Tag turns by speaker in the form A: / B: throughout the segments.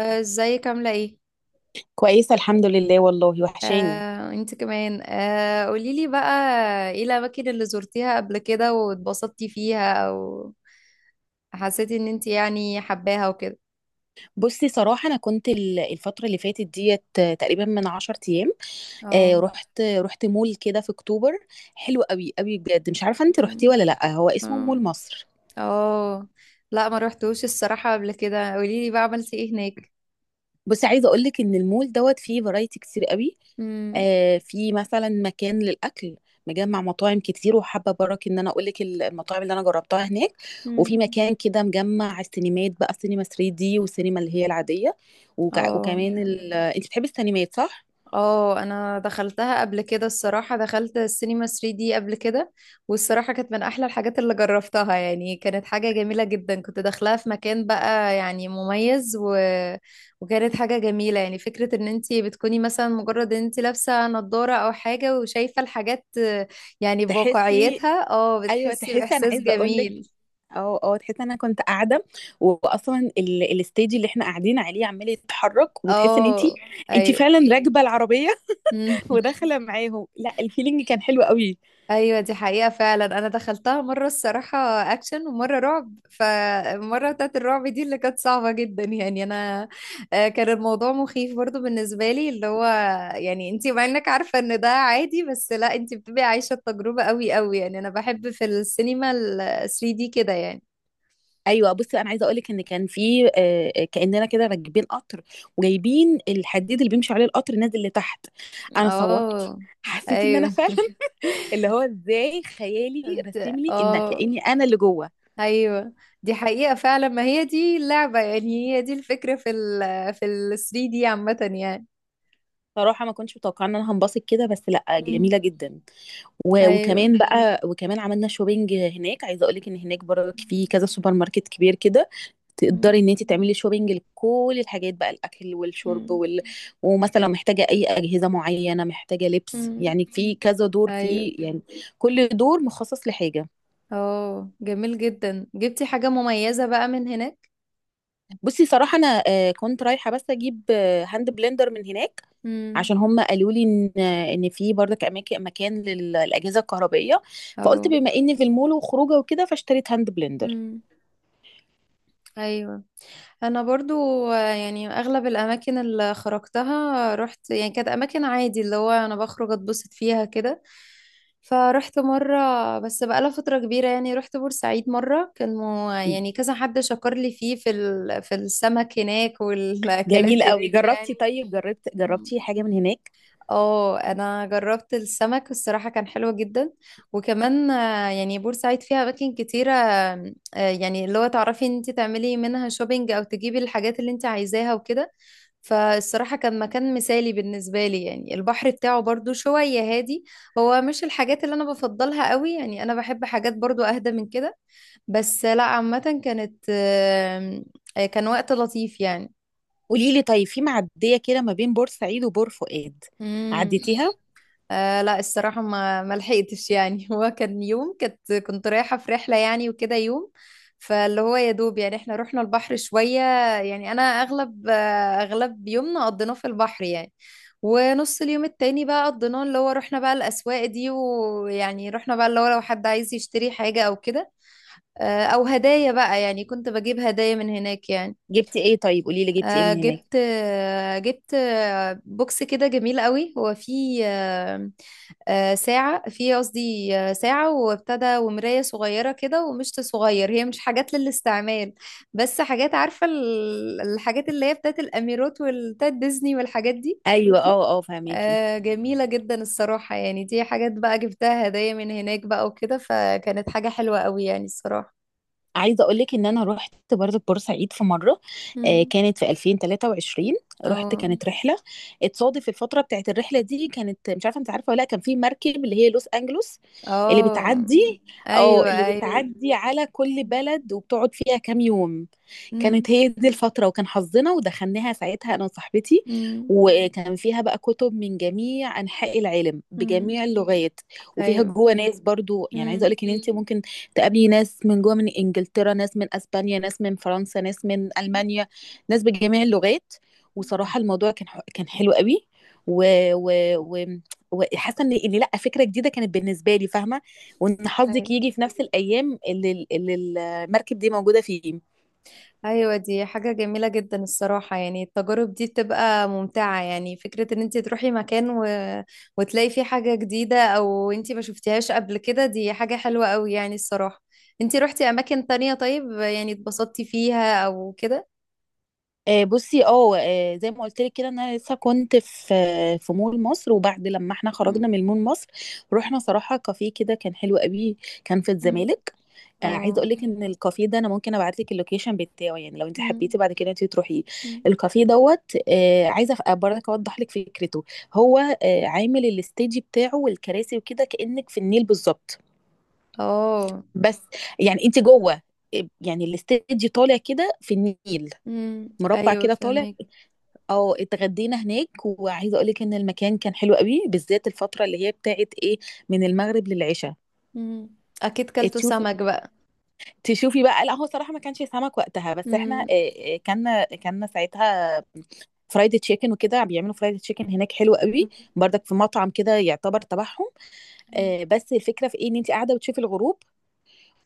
A: ازيك عاملة ايه؟
B: كويسة، الحمد لله، والله وحشاني.
A: انت كمان، قوليلي بقى ايه الأماكن اللي زرتيها قبل كده واتبسطتي فيها او حسيتي ان انت يعني حباها وكده.
B: بصي، صراحة أنا كنت الفترة اللي فاتت ديت تقريبا من 10 أيام.
A: اه.
B: رحت مول كده في أكتوبر. حلو قوي قوي بجد. مش عارفة أنت رحتي
A: مم.
B: ولا لأ، هو اسمه مول
A: اه.
B: مصر.
A: اه. لا، ما روحتوش الصراحة قبل كده. قوليلي بقى عملتي ايه هناك؟
B: بصي، عايزه اقول لك ان المول دوت فيه فرايتي كتير قوي.
A: مم.
B: في مثلا مكان للاكل، مجمع مطاعم كتير، وحابه برك ان انا اقول لك المطاعم اللي انا جربتها هناك.
A: مم.
B: وفي مكان كده مجمع السينمات بقى، السينما 3D والسينما اللي هي العاديه.
A: اه،
B: وكمان انت بتحبي السينمات، صح؟
A: اه، انا دخلتها قبل كده الصراحة. دخلت السينما 3D قبل كده، والصراحة كانت من احلى الحاجات اللي جربتها يعني. كانت حاجة جميلة جدا كنت داخلاها في مكان بقى يعني مميز وكانت حاجة جميلة، يعني فكرة ان انتي بتكوني مثلا مجرد ان انتي لابسة نضارة او حاجة وشايفة الحاجات، يعني
B: تحسي
A: بواقعيتها
B: ايوه
A: بتحسي
B: تحسي، انا
A: باحساس
B: عايزه اقول لك.
A: جميل.
B: اه، اه، تحس ان انا كنت قاعده، واصلا الستيج اللي احنا قاعدين عليه عمال يتحرك، وتحس ان انت
A: اه،
B: انت
A: ايوه.
B: فعلا راكبه العربيه وداخله معاهم. لا الفيلينج كان حلو قوي.
A: ايوه، دي حقيقة فعلا. انا دخلتها مرة الصراحة اكشن ومرة رعب، فالمرة بتاعت الرعب دي اللي كانت صعبة جدا يعني انا، كان الموضوع مخيف برضو بالنسبة لي اللي هو يعني انتي مع انك عارفة ان ده عادي، بس لا انتي بتبقي عايشة التجربة قوي قوي يعني. انا بحب في السينما ال 3D كده يعني.
B: ايوه، بصي انا عايزه اقولك ان كان في، كاننا كده راكبين قطر وجايبين الحديد اللي بيمشي عليه القطر نازل لتحت. انا صوت،
A: اه،
B: حسيت ان انا
A: ايوه.
B: فعلا اللي هو ازاي خيالي
A: انت.
B: رسم لي ان
A: اه،
B: كاني انا اللي جوه.
A: ايوه، دي حقيقة فعلا. ما هي دي اللعبة يعني، هي دي الفكرة في ال 3D عامة يعني.
B: صراحه، ما كنتش متوقعه ان انا هنبسط كده، بس لا
A: مم.
B: جميله جدا.
A: ايوه.
B: وكمان عملنا شوبينج هناك. عايزه اقولك ان هناك برضك في كذا سوبر ماركت كبير كده،
A: مم.
B: تقدري ان انت تعملي شوبينج لكل الحاجات بقى، الاكل والشرب
A: مم.
B: ومثلا لو محتاجه اي اجهزه معينه، محتاجه لبس،
A: مم.
B: يعني في كذا دور، في
A: ايوه.
B: يعني كل دور مخصص لحاجه.
A: اه، جميل جدا. جبتي حاجة مميزة بقى من هناك؟
B: بصي، صراحه انا كنت رايحه بس اجيب هاند بلندر من هناك.
A: امم.
B: عشان هم قالوا لي ان في برضك مكان للاجهزه الكهربائيه. فقلت
A: اه.
B: بما اني في المول وخروجه وكده، فاشتريت هاند بلندر.
A: امم. ايوه. انا برضو، يعني اغلب الاماكن اللي خرجتها رحت يعني كانت اماكن عادي اللي هو انا بخرج اتبسط فيها كده. فرحت مرة بس بقالها فترة كبيرة يعني. رحت بورسعيد مرة، كان مو يعني كذا حد شكر لي فيه في السمك هناك والاكلات
B: جميل قوي.
A: هناك،
B: جربتي طيب، جربت
A: يعني.
B: جربتي حاجه من هناك؟
A: اه، انا جربت السمك الصراحه كان حلو جدا. وكمان، يعني بورسعيد فيها اماكن كتيره، يعني اللي هو تعرفي ان انت تعملي منها شوبينج او تجيبي الحاجات اللي انت عايزاها وكده. فالصراحه كان مكان مثالي بالنسبه لي يعني. البحر بتاعه برضو شويه هادي، هو مش الحاجات اللي انا بفضلها قوي يعني. انا بحب حاجات برضو اهدى من كده، بس لا عامه كانت، كان وقت لطيف يعني.
B: قولي لي، طيب في معدية كده ما بين بورسعيد وبور فؤاد،
A: مم.
B: عديتيها؟
A: لا، الصراحة ما ما لحقتش يعني. هو كان يوم، كنت رايحة في رحلة يعني وكده يوم، فاللي هو يا دوب يعني احنا رحنا البحر شوية يعني. أنا أغلب يومنا قضيناه في البحر يعني. ونص اليوم التاني بقى قضيناه اللي هو رحنا بقى الأسواق دي، ويعني رحنا بقى اللي هو لو حد عايز يشتري حاجة أو كده، أو هدايا بقى يعني. كنت بجيب هدايا من هناك يعني.
B: جبتي ايه طيب؟ قولي لي جبتي ايه
A: آه،
B: من هناك.
A: جبت آه، جبت آه، بوكس كده جميل قوي. هو فيه ساعة، فيه قصدي ساعة وابتدى، ومراية صغيرة كده، ومشط صغير. هي مش حاجات للاستعمال، بس حاجات، عارفة الحاجات اللي هي بتاعت الأميرات والتات ديزني والحاجات دي.
B: ايوه، اه، اه، فهميكي.
A: جميلة جدا الصراحة يعني. دي حاجات بقى جبتها هدايا من هناك بقى وكده، فكانت حاجة حلوة قوي يعني الصراحة.
B: عايزه اقول لك ان انا رحت برضه بورسعيد في مره،
A: مم.
B: كانت في 2023.
A: اه.
B: كانت رحله. اتصادف الفتره بتاعت الرحله دي كانت، مش عارفه انت عارفه ولا لا، كان في مركب اللي هي لوس انجلوس، اللي
A: اه.
B: بتعدي
A: ايوه.
B: اللي
A: ايوه.
B: بتعدي على كل بلد وبتقعد فيها كام يوم.
A: مم.
B: كانت هي دي الفتره، وكان حظنا ودخلناها ساعتها انا وصاحبتي.
A: مم.
B: وكان فيها بقى كتب من جميع انحاء العالم
A: مم.
B: بجميع اللغات، وفيها
A: ايوه.
B: جوه ناس برضو. يعني عايزه اقول
A: مم.
B: لك ان انت ممكن تقابلي ناس من جوه، من انجلترا، ناس من اسبانيا، ناس من فرنسا، ناس من المانيا، ناس بجميع اللغات. وصراحه الموضوع كان حلو قوي. و و و وحاسه ان لا، فكره جديده كانت بالنسبه لي، فاهمه. وان حظك
A: ايوه.
B: يجي في نفس الايام اللي المركب دي موجوده فيه.
A: ايوه. دي حاجة جميلة جدا الصراحة يعني. التجارب دي بتبقى ممتعة، يعني فكرة ان انت تروحي مكان وتلاقي فيه حاجة جديدة او انت ما شفتيهاش قبل كده، دي حاجة حلوة قوي يعني الصراحة. انت روحتي اماكن تانية طيب يعني؟ اتبسطتي فيها او كده؟
B: بصي، زي ما قلت لك كده إن انا لسه كنت في مول مصر، وبعد لما احنا
A: مم.
B: خرجنا من مول مصر رحنا صراحه كافيه كده كان حلو قوي. كان في
A: مم.
B: الزمالك. عايزه
A: اه.
B: اقول لك ان الكافيه ده انا ممكن ابعت لك اللوكيشن بتاعه، يعني لو انت
A: مم.
B: حبيتي بعد كده انت تروحي
A: مم.
B: الكافيه دوت. عايزه برضك اوضح لك فكرته. هو عامل الستيج بتاعه والكراسي وكده كانك في النيل بالظبط،
A: اه.
B: بس يعني انت جوه. يعني الستيج طالع كده في النيل،
A: مم.
B: مربع
A: ايوه،
B: كده طالع.
A: فهمك.
B: اه، اتغدينا هناك. وعايزه اقول لك ان المكان كان حلو قوي، بالذات الفتره اللي هي بتاعت ايه، من المغرب للعشاء.
A: مم. اكيد كلتوا
B: تشوفي
A: سمك
B: تشوفي بقى، لا هو صراحة ما كانش سمك وقتها، بس احنا
A: بقى.
B: كان ساعتها فرايد تشيكن وكده. بيعملوا فرايد تشيكن هناك حلو قوي. برضك في مطعم كده يعتبر تبعهم. بس الفكرة في ايه، ان انت قاعدة بتشوفي الغروب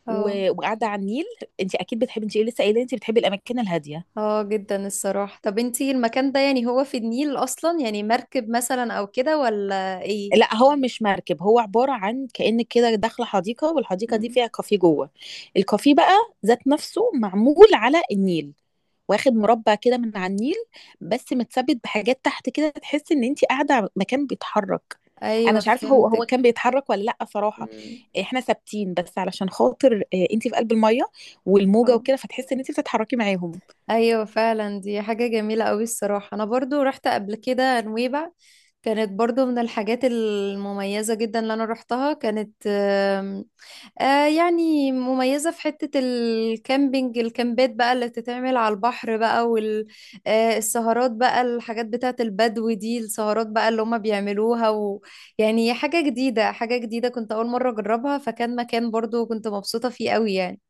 A: اه.
B: وقاعدة على النيل. انت اكيد بتحبي، انت لسه قايلة انت بتحبي الاماكن الهادية.
A: اه، جدا الصراحة. طب انتي المكان ده يعني، هو في النيل اصلا يعني مركب مثلا او كده ولا ايه؟
B: لا هو مش مركب، هو عبارة عن كأنك كده داخلة حديقة، والحديقة دي
A: مم.
B: فيها كافيه جوه. الكافيه بقى ذات نفسه معمول على النيل، واخد مربع كده من على النيل، بس متثبت بحاجات تحت كده. تحس ان انت قاعده على مكان بيتحرك. انا
A: ايوه،
B: مش عارفه، هو
A: فهمتك.
B: كان بيتحرك ولا لا صراحه.
A: مم.
B: احنا ثابتين، بس علشان خاطر انت في قلب الميه والموجه
A: اه،
B: وكده، فتحس ان انت بتتحركي معاهم.
A: ايوه فعلا. دي حاجة جميلة قوي الصراحة. انا برضو رحت قبل كده نويبع، كانت برضو من الحاجات المميزة جدا اللي انا رحتها. كانت يعني مميزة في حتة الكامبينج، الكامبات بقى اللي بتتعمل على البحر بقى، والسهرات. السهرات بقى، الحاجات بتاعة البدو دي، السهرات بقى اللي هما بيعملوها، ويعني حاجة جديدة حاجة جديدة كنت أول مرة أجربها. فكان مكان برضو كنت مبسوطة فيه قوي يعني.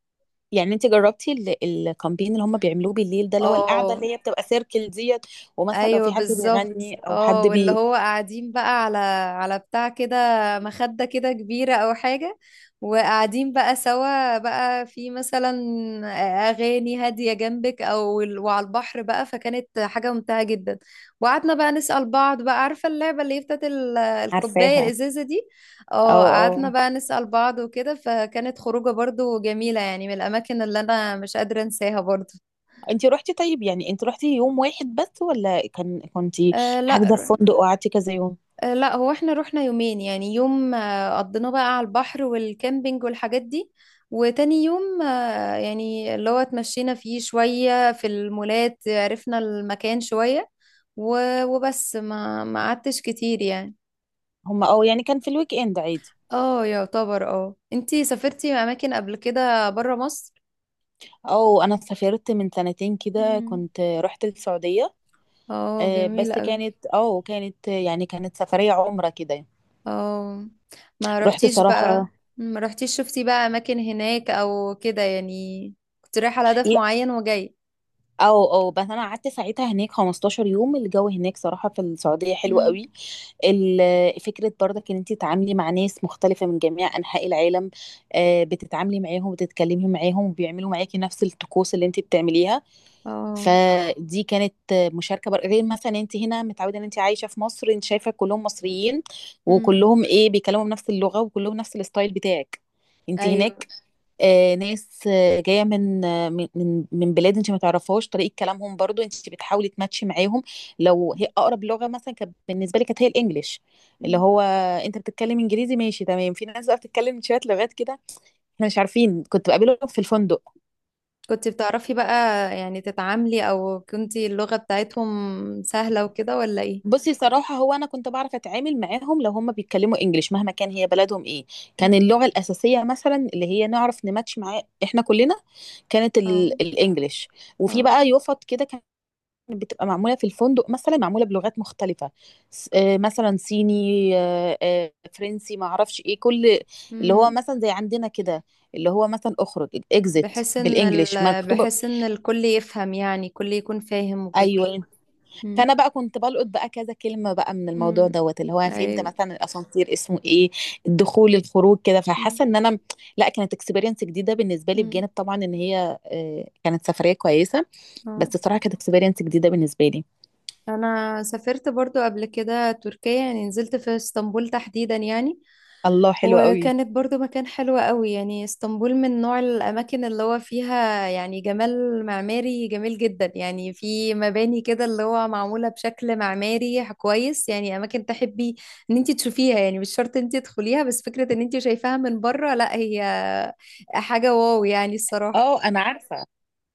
B: يعني انت جربتي الكامبين اللي هم بيعملوه بالليل ده، اللي هو القعده
A: اه،
B: اللي هي بتبقى سيركل ديت، ومثلا لو
A: ايوه
B: في حد
A: بالظبط.
B: بيغني او
A: اه،
B: حد
A: واللي
B: بي
A: هو قاعدين بقى على بتاع كده، مخدة كده كبيرة او حاجة، وقاعدين بقى سوا بقى في مثلا اغاني هادية جنبك، او وعلى البحر بقى. فكانت حاجة ممتعة جدا. وقعدنا بقى نسأل بعض بقى، عارفة اللعبة اللي هي بتاعت الكوباية
B: عارفاها.
A: الازازة دي.
B: اه،
A: اه، قعدنا
B: اه،
A: بقى نسأل بعض وكده، فكانت خروجة برضو جميلة يعني، من الاماكن اللي انا مش قادرة انساها برضو.
B: انت روحتي طيب، يعني انت روحتي يوم واحد بس، ولا كنتي
A: لا.
B: حاجزه في فندق وقعدتي كذا يوم؟
A: لا، هو احنا رحنا يومين، يعني يوم قضيناه بقى على البحر والكامبينج والحاجات دي، وتاني يوم يعني اللي هو اتمشينا فيه شوية في المولات، عرفنا المكان شوية، وبس ما ما قعدتش كتير يعني.
B: هم، اه، يعني كان في الويك اند عادي.
A: اه، يعتبر. اه، انتي سافرتي اماكن قبل كده برا مصر؟
B: اه، انا سافرت من سنتين كده
A: مم.
B: كنت رحت السعودية.
A: اه، جميل
B: بس
A: قوي.
B: كانت يعني كانت سفرية عمرة كده.
A: اه، ما
B: رحت
A: رحتيش بقى؟
B: صراحة.
A: ما رحتيش شفتي بقى اماكن هناك او كده يعني، كنت رايحة على هدف
B: لا.
A: معين وجاي؟
B: او بس انا قعدت ساعتها هناك 15 يوم. الجو هناك صراحة في السعودية حلو
A: مم.
B: قوي. فكرة برضك ان انت تتعاملي مع ناس مختلفة من جميع انحاء العالم، بتتعاملي معاهم وتتكلمي معاهم وبيعملوا معاكي نفس الطقوس اللي انت بتعمليها.
A: اه.
B: فدي كانت مشاركه غير مثلا انت هنا متعوده ان انت عايشه في مصر، انت شايفه كلهم مصريين،
A: مم.
B: وكلهم ايه بيتكلموا بنفس اللغه، وكلهم نفس الستايل بتاعك. انت
A: ايوه.
B: هناك ناس جايه من آه من من من بلاد انت ما تعرفهاش، طريقه كلامهم برضو انت بتحاولي تماتشي معاهم. لو هي اقرب لغه مثلا كانت بالنسبه لي، كانت هي الانجليش. اللي
A: مم.
B: هو انت بتتكلم انجليزي، ماشي تمام. في ناس بقى بتتكلم شويه لغات كده، احنا مش عارفين. كنت بقابلهم في الفندق.
A: كنت بتعرفي بقى يعني تتعاملي، او كنتي اللغة بتاعتهم سهلة وكده ولا ايه؟
B: بصي، صراحة هو أنا كنت بعرف أتعامل معاهم لو هما بيتكلموا إنجليش، مهما كان هي بلدهم إيه. كان
A: مم.
B: اللغة الأساسية مثلا، اللي هي نعرف نماتش معاه إحنا كلنا، كانت
A: اه.
B: الإنجليش. وفي
A: اه.
B: بقى يفط كده كانت بتبقى معمولة في الفندق، مثلا معمولة بلغات مختلفة. مثلا صيني، فرنسي، معرفش إيه. كل اللي هو
A: مم.
B: مثلا زي عندنا كده، اللي هو مثلا أخرج، إكزيت بالإنجليش مكتوبة.
A: بحيث ان الكل يفهم يعني، الكل يكون فاهم وكده.
B: أيوه.
A: مم.
B: فانا بقى كنت بلقط بقى كذا كلمه بقى من الموضوع
A: مم.
B: دوت، اللي هو فهمت
A: ايوه.
B: مثلا الاسانسير اسمه ايه، الدخول الخروج كده،
A: مم.
B: فحاسه ان انا، لا، كانت اكسبيرينس جديده بالنسبه لي،
A: مم.
B: بجانب طبعا ان هي كانت سفريه كويسه.
A: اه،
B: بس الصراحه كانت اكسبيرينس جديده بالنسبه لي.
A: انا سافرت برضو قبل كده تركيا، يعني نزلت في اسطنبول تحديدا يعني.
B: الله، حلو قوي.
A: وكانت برضو مكان حلو قوي يعني. اسطنبول من نوع الأماكن اللي هو فيها يعني جمال معماري جميل جدا يعني. في مباني كده اللي هو معمولة بشكل معماري كويس يعني، أماكن تحبي إن انتي تشوفيها يعني. مش شرط انتي تدخليها، بس فكرة إن انتي شايفاها من بره، لا هي حاجة واو يعني الصراحة.
B: اه، انا عارفه،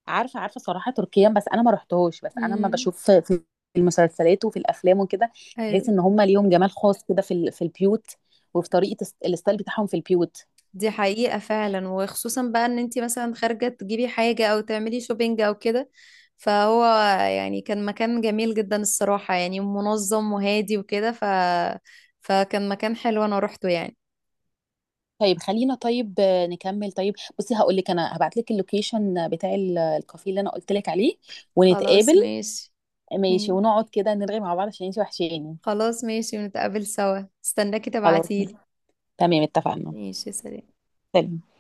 B: عارفه عارفه صراحه تركيا، بس انا ما رحتهوش. بس انا لما
A: امم.
B: بشوف في المسلسلات وفي الافلام وكده، بحس ان هم ليهم جمال خاص كده في البيوت، وفي طريقه الستايل بتاعهم في البيوت.
A: دي حقيقة فعلا، وخصوصا بقى ان انتي مثلا خارجة تجيبي حاجة او تعملي شوبينج او كده. فهو يعني كان مكان جميل جدا الصراحة يعني، منظم وهادي وكده، فكان مكان حلو انا روحته يعني.
B: طيب خلينا، طيب نكمل. طيب بصي، هقول لك انا هبعت لك اللوكيشن بتاع الكافيه اللي انا قلت لك عليه، ونتقابل.
A: خلاص ماشي.
B: ماشي،
A: مي-
B: ونقعد كده نرغي مع بعض عشان انتي وحشاني.
A: خلاص ماشي، ونتقابل سوا، استناكي
B: خلاص،
A: تبعتيلي.
B: تمام، اتفقنا.
A: ماشي، سلام.
B: سلام.